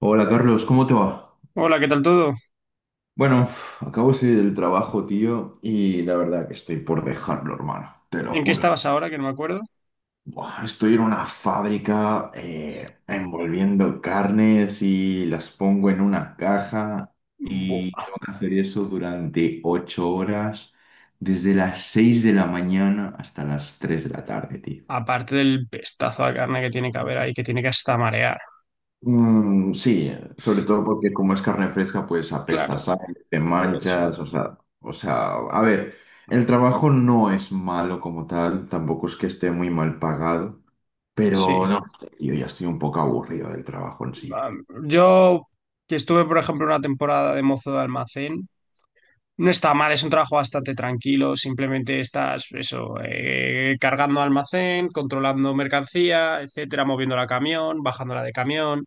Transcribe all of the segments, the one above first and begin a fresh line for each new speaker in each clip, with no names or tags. Hola Carlos, ¿cómo te va?
Hola, ¿qué tal todo?
Bueno, acabo de salir del trabajo, tío, y la verdad que estoy por dejarlo, hermano, te lo
¿En qué
juro.
estabas ahora? Que no me acuerdo.
Buah, estoy en una fábrica envolviendo carnes y las pongo en una caja y
Buah,
tengo que hacer eso durante 8 horas, desde las 6 de la mañana hasta las 3 de la tarde, tío.
aparte del pestazo de carne que tiene que haber ahí, que tiene que hasta marear.
Mm, sí, sobre todo porque como es carne fresca, pues
Claro,
apesta, sale, te
por eso.
manchas, o sea, a ver, el trabajo no es malo como tal, tampoco es que esté muy mal pagado, pero
Sí.
no sé, tío, ya estoy un poco aburrido del trabajo en sí.
Yo, que estuve, por ejemplo, una temporada de mozo de almacén, no está mal, es un trabajo bastante tranquilo. Simplemente estás, eso, cargando almacén, controlando mercancía, etcétera, moviéndola a camión, bajándola de camión.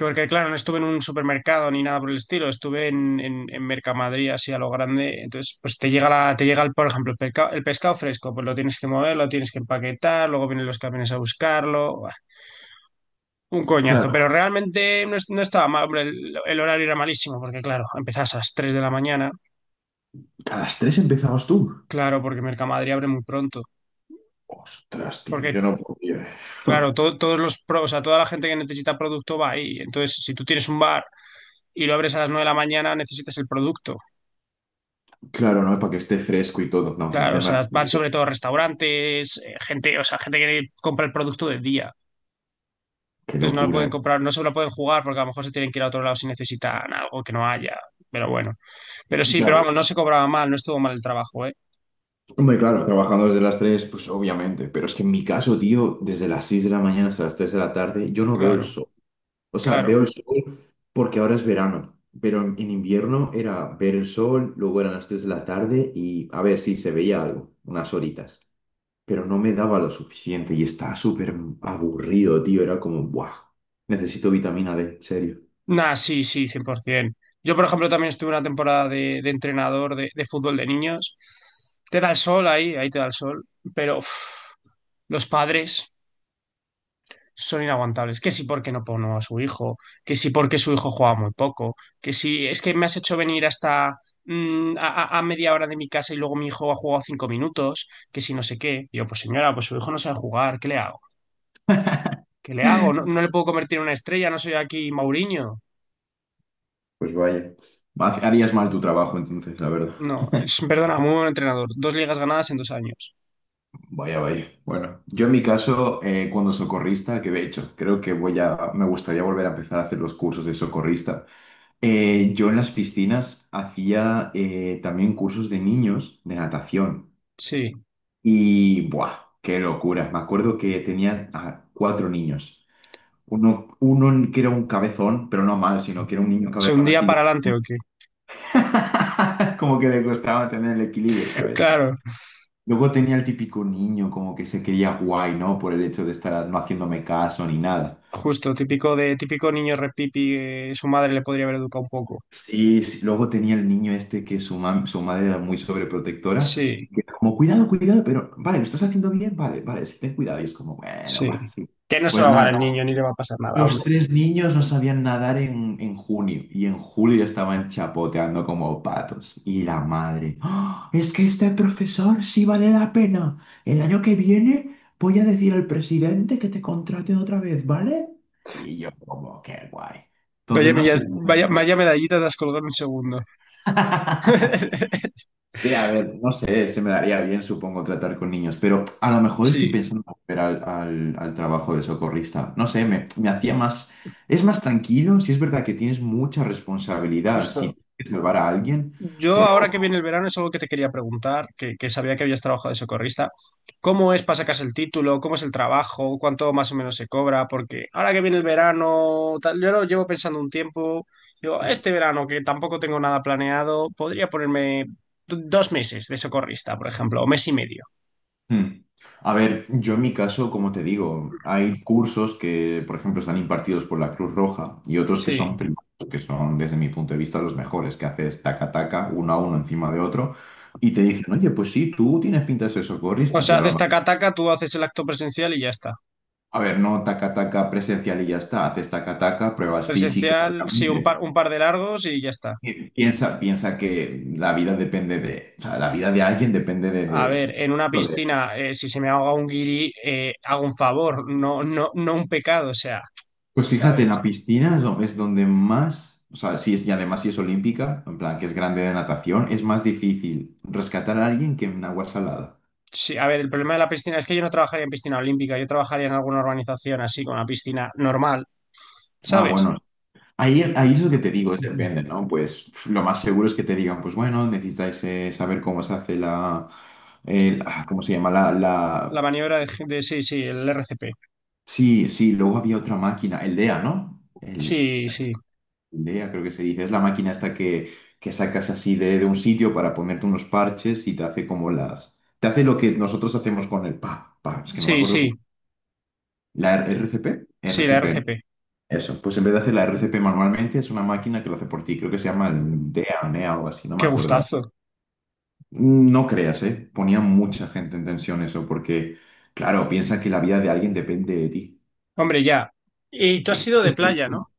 Porque claro, no estuve en un supermercado ni nada por el estilo, estuve en Mercamadrid así a lo grande. Entonces, pues te llega el, por ejemplo, el pescado fresco, pues lo tienes que mover, lo tienes que empaquetar, luego vienen los camiones a buscarlo. Buah, un coñazo.
Claro,
Pero realmente no estaba mal, hombre, el horario era malísimo, porque claro, empezás a las 3 de la mañana,
a las 3 empezabas tú.
claro, porque Mercamadrid abre muy pronto.
Ostras, tío, yo
Porque,
no podía.
claro, todos los pros, o sea, toda la gente que necesita producto va ahí. Entonces, si tú tienes un bar y lo abres a las 9 de la mañana, necesitas el producto.
Claro, no, para que esté fresco y todo, no,
Claro,
me
o sea,
hace-
van sobre todo restaurantes, gente, o sea, gente que compra el producto del día.
qué
Entonces no lo
locura,
pueden
eh.
comprar, no se lo pueden jugar porque a lo mejor se tienen que ir a otro lado si necesitan algo que no haya. Pero bueno. Pero sí, pero
Ya.
vamos, no se cobraba mal, no estuvo mal el trabajo, ¿eh?
Hombre, claro, trabajando desde las 3, pues obviamente, pero es que en mi caso, tío, desde las 6 de la mañana hasta las 3 de la tarde, yo no veo el
Claro,
sol. O sea,
claro.
veo el sol porque ahora es verano, pero en invierno era ver el sol, luego eran las 3 de la tarde y a ver si se veía algo, unas horitas, pero no me daba lo suficiente y estaba súper aburrido, tío, era como, ¡buah! Necesito vitamina D, en serio.
Nah, sí, sí, 100%. Yo, por ejemplo, también estuve una temporada de entrenador de fútbol de niños. Te da el sol ahí, ahí te da el sol. Pero uf, los padres son inaguantables. Que si porque no pongo a su hijo, que si porque su hijo juega muy poco, que si es que me has hecho venir hasta mm, a, a media hora de mi casa y luego mi hijo ha jugado 5 minutos, que si no sé qué. Y yo, pues señora, pues su hijo no sabe jugar, ¿qué le hago? ¿Qué le hago? No, no le puedo convertir en una estrella, no soy aquí Mauriño.
Pues vaya, harías mal tu trabajo entonces, la verdad.
No, perdona, muy buen entrenador. Dos ligas ganadas en 2 años.
Vaya, vaya. Bueno, yo en mi caso, cuando socorrista, que de hecho creo que voy a, me gustaría volver a empezar a hacer los cursos de socorrista. Yo en las piscinas hacía también cursos de niños de natación
Sí.
y ¡buah! ¡Qué locura! Me acuerdo que tenía a cuatro niños. Uno que era un cabezón, pero no mal, sino que era un niño
¿Se un
cabezón
día
así,
para adelante o qué?
como que le costaba tener el equilibrio, ¿sabes?
Claro,
Luego tenía el típico niño como que se quería guay, ¿no? Por el hecho de estar no haciéndome caso ni nada.
justo, típico de típico niño repipi, su madre le podría haber educado un poco.
Sí, sí. Luego tenía el niño este que su madre era muy sobreprotectora.
Sí.
Que era como, cuidado, cuidado, pero vale, lo estás haciendo bien, vale, vale, sí, ten cuidado. Y es como, bueno,
Sí.
va, sí.
Que no se va
Pues
a
nada.
ahogar el niño ni le va a pasar nada,
Los
hombre.
tres niños no sabían nadar en junio y en julio ya estaban chapoteando como patos. Y la madre, "¡Ah! Es que este profesor sí vale la pena. El año que viene voy a decir al presidente que te contraten otra vez, ¿vale?" Y yo como, qué guay.
Vaya,
Entonces no
meda-
sé si...
vaya, vaya medallita te has colgado en un segundo.
Sí, a ver, no sé, se me daría bien, supongo, tratar con niños, pero a lo mejor estoy
Sí,
pensando en volver al trabajo de socorrista. No sé, me hacía más... Es más tranquilo, sí es verdad que tienes mucha responsabilidad si
justo.
tienes que salvar a alguien,
Yo ahora
pero...
que viene el verano es algo que te quería preguntar, que sabía que habías trabajado de socorrista. ¿Cómo es para sacarse el título? ¿Cómo es el trabajo? ¿Cuánto más o menos se cobra? Porque ahora que viene el verano, tal, yo lo llevo pensando un tiempo. Digo, este verano que tampoco tengo nada planeado, podría ponerme 2 meses de socorrista, por ejemplo, o mes y medio.
hmm, A ver, yo en mi caso, como te digo, hay cursos que, por ejemplo, están impartidos por la Cruz Roja y otros que son
Sí.
privados, que son, desde mi punto de vista, los mejores, que haces taca-taca, uno a uno encima de otro. Y te dicen, oye, pues sí, tú tienes pinta de ser
O
socorrista.
sea, haces taca-taca, tú haces el acto presencial y ya está.
A ver, no taca-taca presencial y ya está. Haces taca-taca, pruebas físicas,
Presencial, sí,
obviamente.
un par de largos y ya está.
Piensa que la vida depende de, o sea, la vida de alguien depende de,
A
de-
ver, en una
de-
piscina, si se me ahoga un guiri, hago un favor, no, no, no un pecado, o sea,
Pues fíjate, en
¿sabes?
la piscina es es donde más, o sea, sí es, y además si es olímpica, en plan que es grande de natación, es más difícil rescatar a alguien que en agua salada.
Sí, a ver, el problema de la piscina es que yo no trabajaría en piscina olímpica, yo trabajaría en alguna organización así, con una piscina normal,
Ah,
¿sabes?
bueno. Ahí, ahí es lo que te digo, es
Ujú.
depende, ¿no? Pues pf, lo más seguro es que te digan, pues bueno, necesitáis saber cómo se hace ¿cómo se llama?
La maniobra de sí, sí, el RCP.
Sí, sí, luego había otra máquina, el DEA, ¿no? El,
Sí, sí,
el DEA creo que se dice, es la máquina esta que sacas así de un sitio para ponerte unos parches y te hace como las... Te hace lo que nosotros hacemos con el es que no me
sí,
acuerdo
sí,
cómo. ¿La RCP?
sí, la
RCP, ¿no?
RCP.
Eso. Pues en vez de hacer la RCP manualmente, es una máquina que lo hace por ti, creo que se llama el DEA o NEA o algo así, no me
Qué
acuerdo ahora.
gustazo.
No creas, ¿eh? Ponía mucha gente en tensión eso, porque, claro, piensa que la vida de alguien depende de ti.
Hombre, ya. Y tú has sido
Ese
de
es el
playa, ¿no?
punto.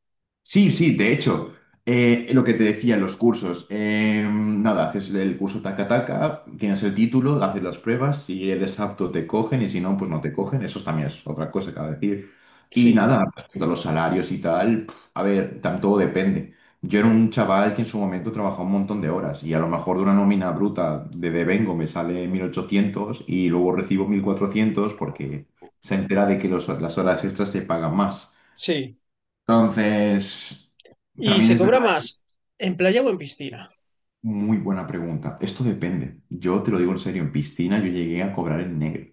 Sí, sí, de hecho, lo que te decía en los cursos, nada, haces el curso taca taca, tienes el título, haces las pruebas, si eres apto te cogen y si no, pues no te cogen, eso también es otra cosa que decir. Y
Sí.
nada, respecto a los salarios y tal, pf, a ver, todo depende. Yo era un chaval que en su momento trabajaba un montón de horas y a lo mejor de una nómina bruta de devengo me sale 1.800 y luego recibo 1.400 porque se entera de que las horas extras se pagan más.
Sí,
Entonces,
y
también
se
es
cobra
verdad,
más en playa o en piscina.
muy buena pregunta. Esto depende. Yo te lo digo en serio, en piscina yo llegué a cobrar en negro.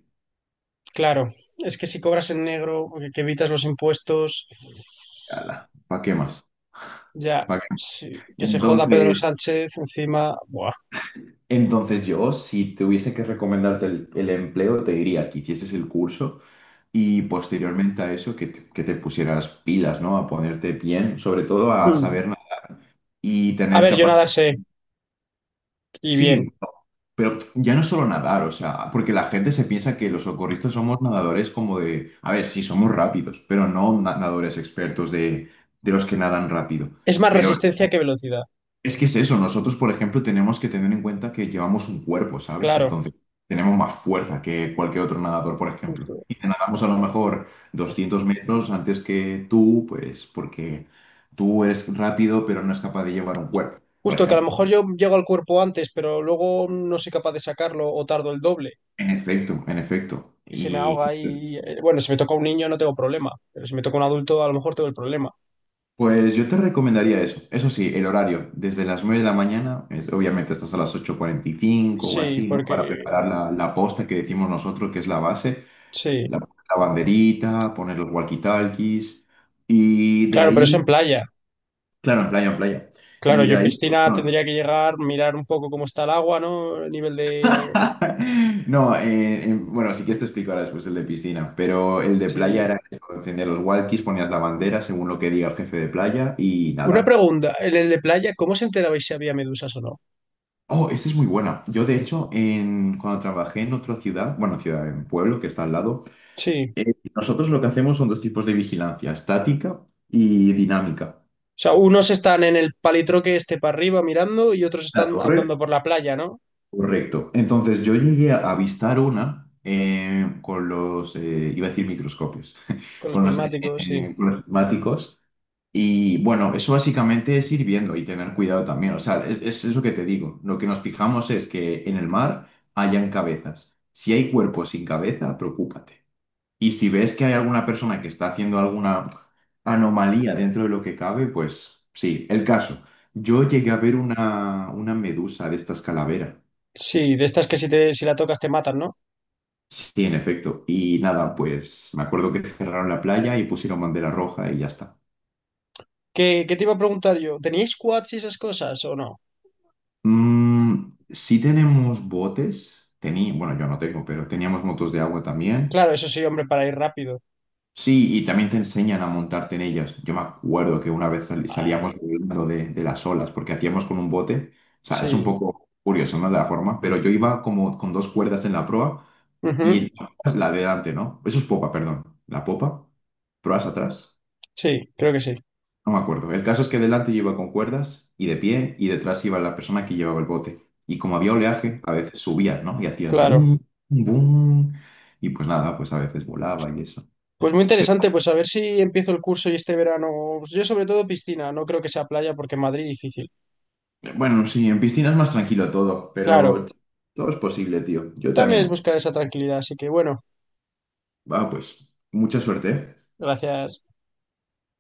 Claro, es que si cobras en negro, que evitas los impuestos,
¿Para qué más?
ya,
¿Pa' qué más?
sí, que se joda Pedro
Entonces,
Sánchez encima. Buah.
entonces yo, si tuviese que recomendarte el empleo, te diría que hicieses el curso y posteriormente a eso que te pusieras pilas, ¿no? A ponerte bien, sobre todo a
Mm.
saber nada y
A
tener
ver, yo
capacidad.
nadar sé, y bien.
Sí. Pero ya no solo nadar, o sea, porque la gente se piensa que los socorristas somos nadadores como de, a ver, sí, somos rápidos, pero no nadadores expertos de los que nadan rápido.
Es más
Pero
resistencia que velocidad,
es que es eso, nosotros, por ejemplo, tenemos que tener en cuenta que llevamos un cuerpo, ¿sabes?
claro,
Entonces, tenemos más fuerza que cualquier otro nadador, por ejemplo.
justo.
Y te nadamos a lo mejor 200 metros antes que tú, pues porque tú eres rápido, pero no es capaz de llevar un cuerpo, por
Justo que a lo
ejemplo.
mejor yo llego al cuerpo antes, pero luego no soy capaz de sacarlo o tardo el doble
En efecto, en efecto.
y se me
Y...
ahoga y bueno, si me toca un niño no tengo problema, pero si me toca un adulto a lo mejor tengo el problema.
Pues yo te recomendaría eso. Eso sí, el horario, desde las 9 de la mañana, es, obviamente estás a las 8:45 o
Sí,
así, ¿no?
porque
Para preparar la posta que decimos nosotros, que es la base,
sí.
la banderita, poner los walkie-talkies y de
Claro, pero eso en
ahí,
playa.
claro, en playa, en playa.
Claro,
Y
yo
de
en
ahí,
piscina
no,
tendría que llegar, mirar un poco cómo está el agua, ¿no? El nivel de...
no, bueno, sí que te explico ahora después el de piscina, pero el de
sí.
playa era eso, encender los walkies, ponías la bandera según lo que diga el jefe de playa y
Una
nada.
pregunta, en el de playa, ¿cómo se enterabais si había medusas o no?
Oh, esta es muy buena. Yo, de hecho, cuando trabajé en otra ciudad, bueno, ciudad, en pueblo que está al lado,
Sí.
nosotros lo que hacemos son dos tipos de vigilancia, estática y dinámica.
O sea, unos están en el palitroque este para arriba mirando y otros
La
están
torre,
andando por la playa, ¿no?
correcto. Entonces, yo llegué a avistar una con los, iba a decir microscopios,
Con los
con los,
prismáticos, sí.
eh, con los prismáticos. Y bueno, eso básicamente es ir viendo y tener cuidado también. O sea, es eso que te digo. Lo que nos fijamos es que en el mar hayan cabezas. Si hay cuerpos sin cabeza, preocúpate. Y si ves que hay alguna persona que está haciendo alguna anomalía dentro de lo que cabe, pues sí, el caso. Yo llegué a ver una medusa de estas calavera.
Sí, de estas que si la tocas te matan, ¿no?
Sí, en efecto. Y nada, pues me acuerdo que cerraron la playa y pusieron bandera roja y ya está.
¿Qué te iba a preguntar yo? ¿Teníais quads y esas cosas o no?
Mm, sí tenemos botes. Tení Bueno, yo no tengo, pero teníamos motos de agua también.
Claro, eso sí, hombre, para ir rápido.
Sí, y también te enseñan a montarte en ellas. Yo me acuerdo que una vez salíamos
Ay,
volando de las olas, porque hacíamos con un bote. O sea, es un
sí.
poco curioso, ¿no? De la forma, pero yo iba como con dos cuerdas en la proa y
Ujú.
la proa es la de delante, ¿no? Eso es popa, perdón. La popa, proas atrás.
Sí, creo que sí.
No me acuerdo. El caso es que delante yo iba con cuerdas y de pie y detrás iba la persona que llevaba el bote. Y como había oleaje, a veces subía, ¿no? Y hacías
Claro.
boom, boom. Y pues nada, pues a veces volaba y eso.
Pues muy interesante, pues a ver si empiezo el curso y este verano, pues yo sobre todo piscina, no creo que sea playa porque en Madrid difícil.
Bueno, sí, en piscina es más tranquilo todo,
Claro,
pero todo es posible, tío. Yo te
también es
animo.
buscar esa tranquilidad, así que bueno,
Va, pues, mucha suerte, ¿eh?
gracias.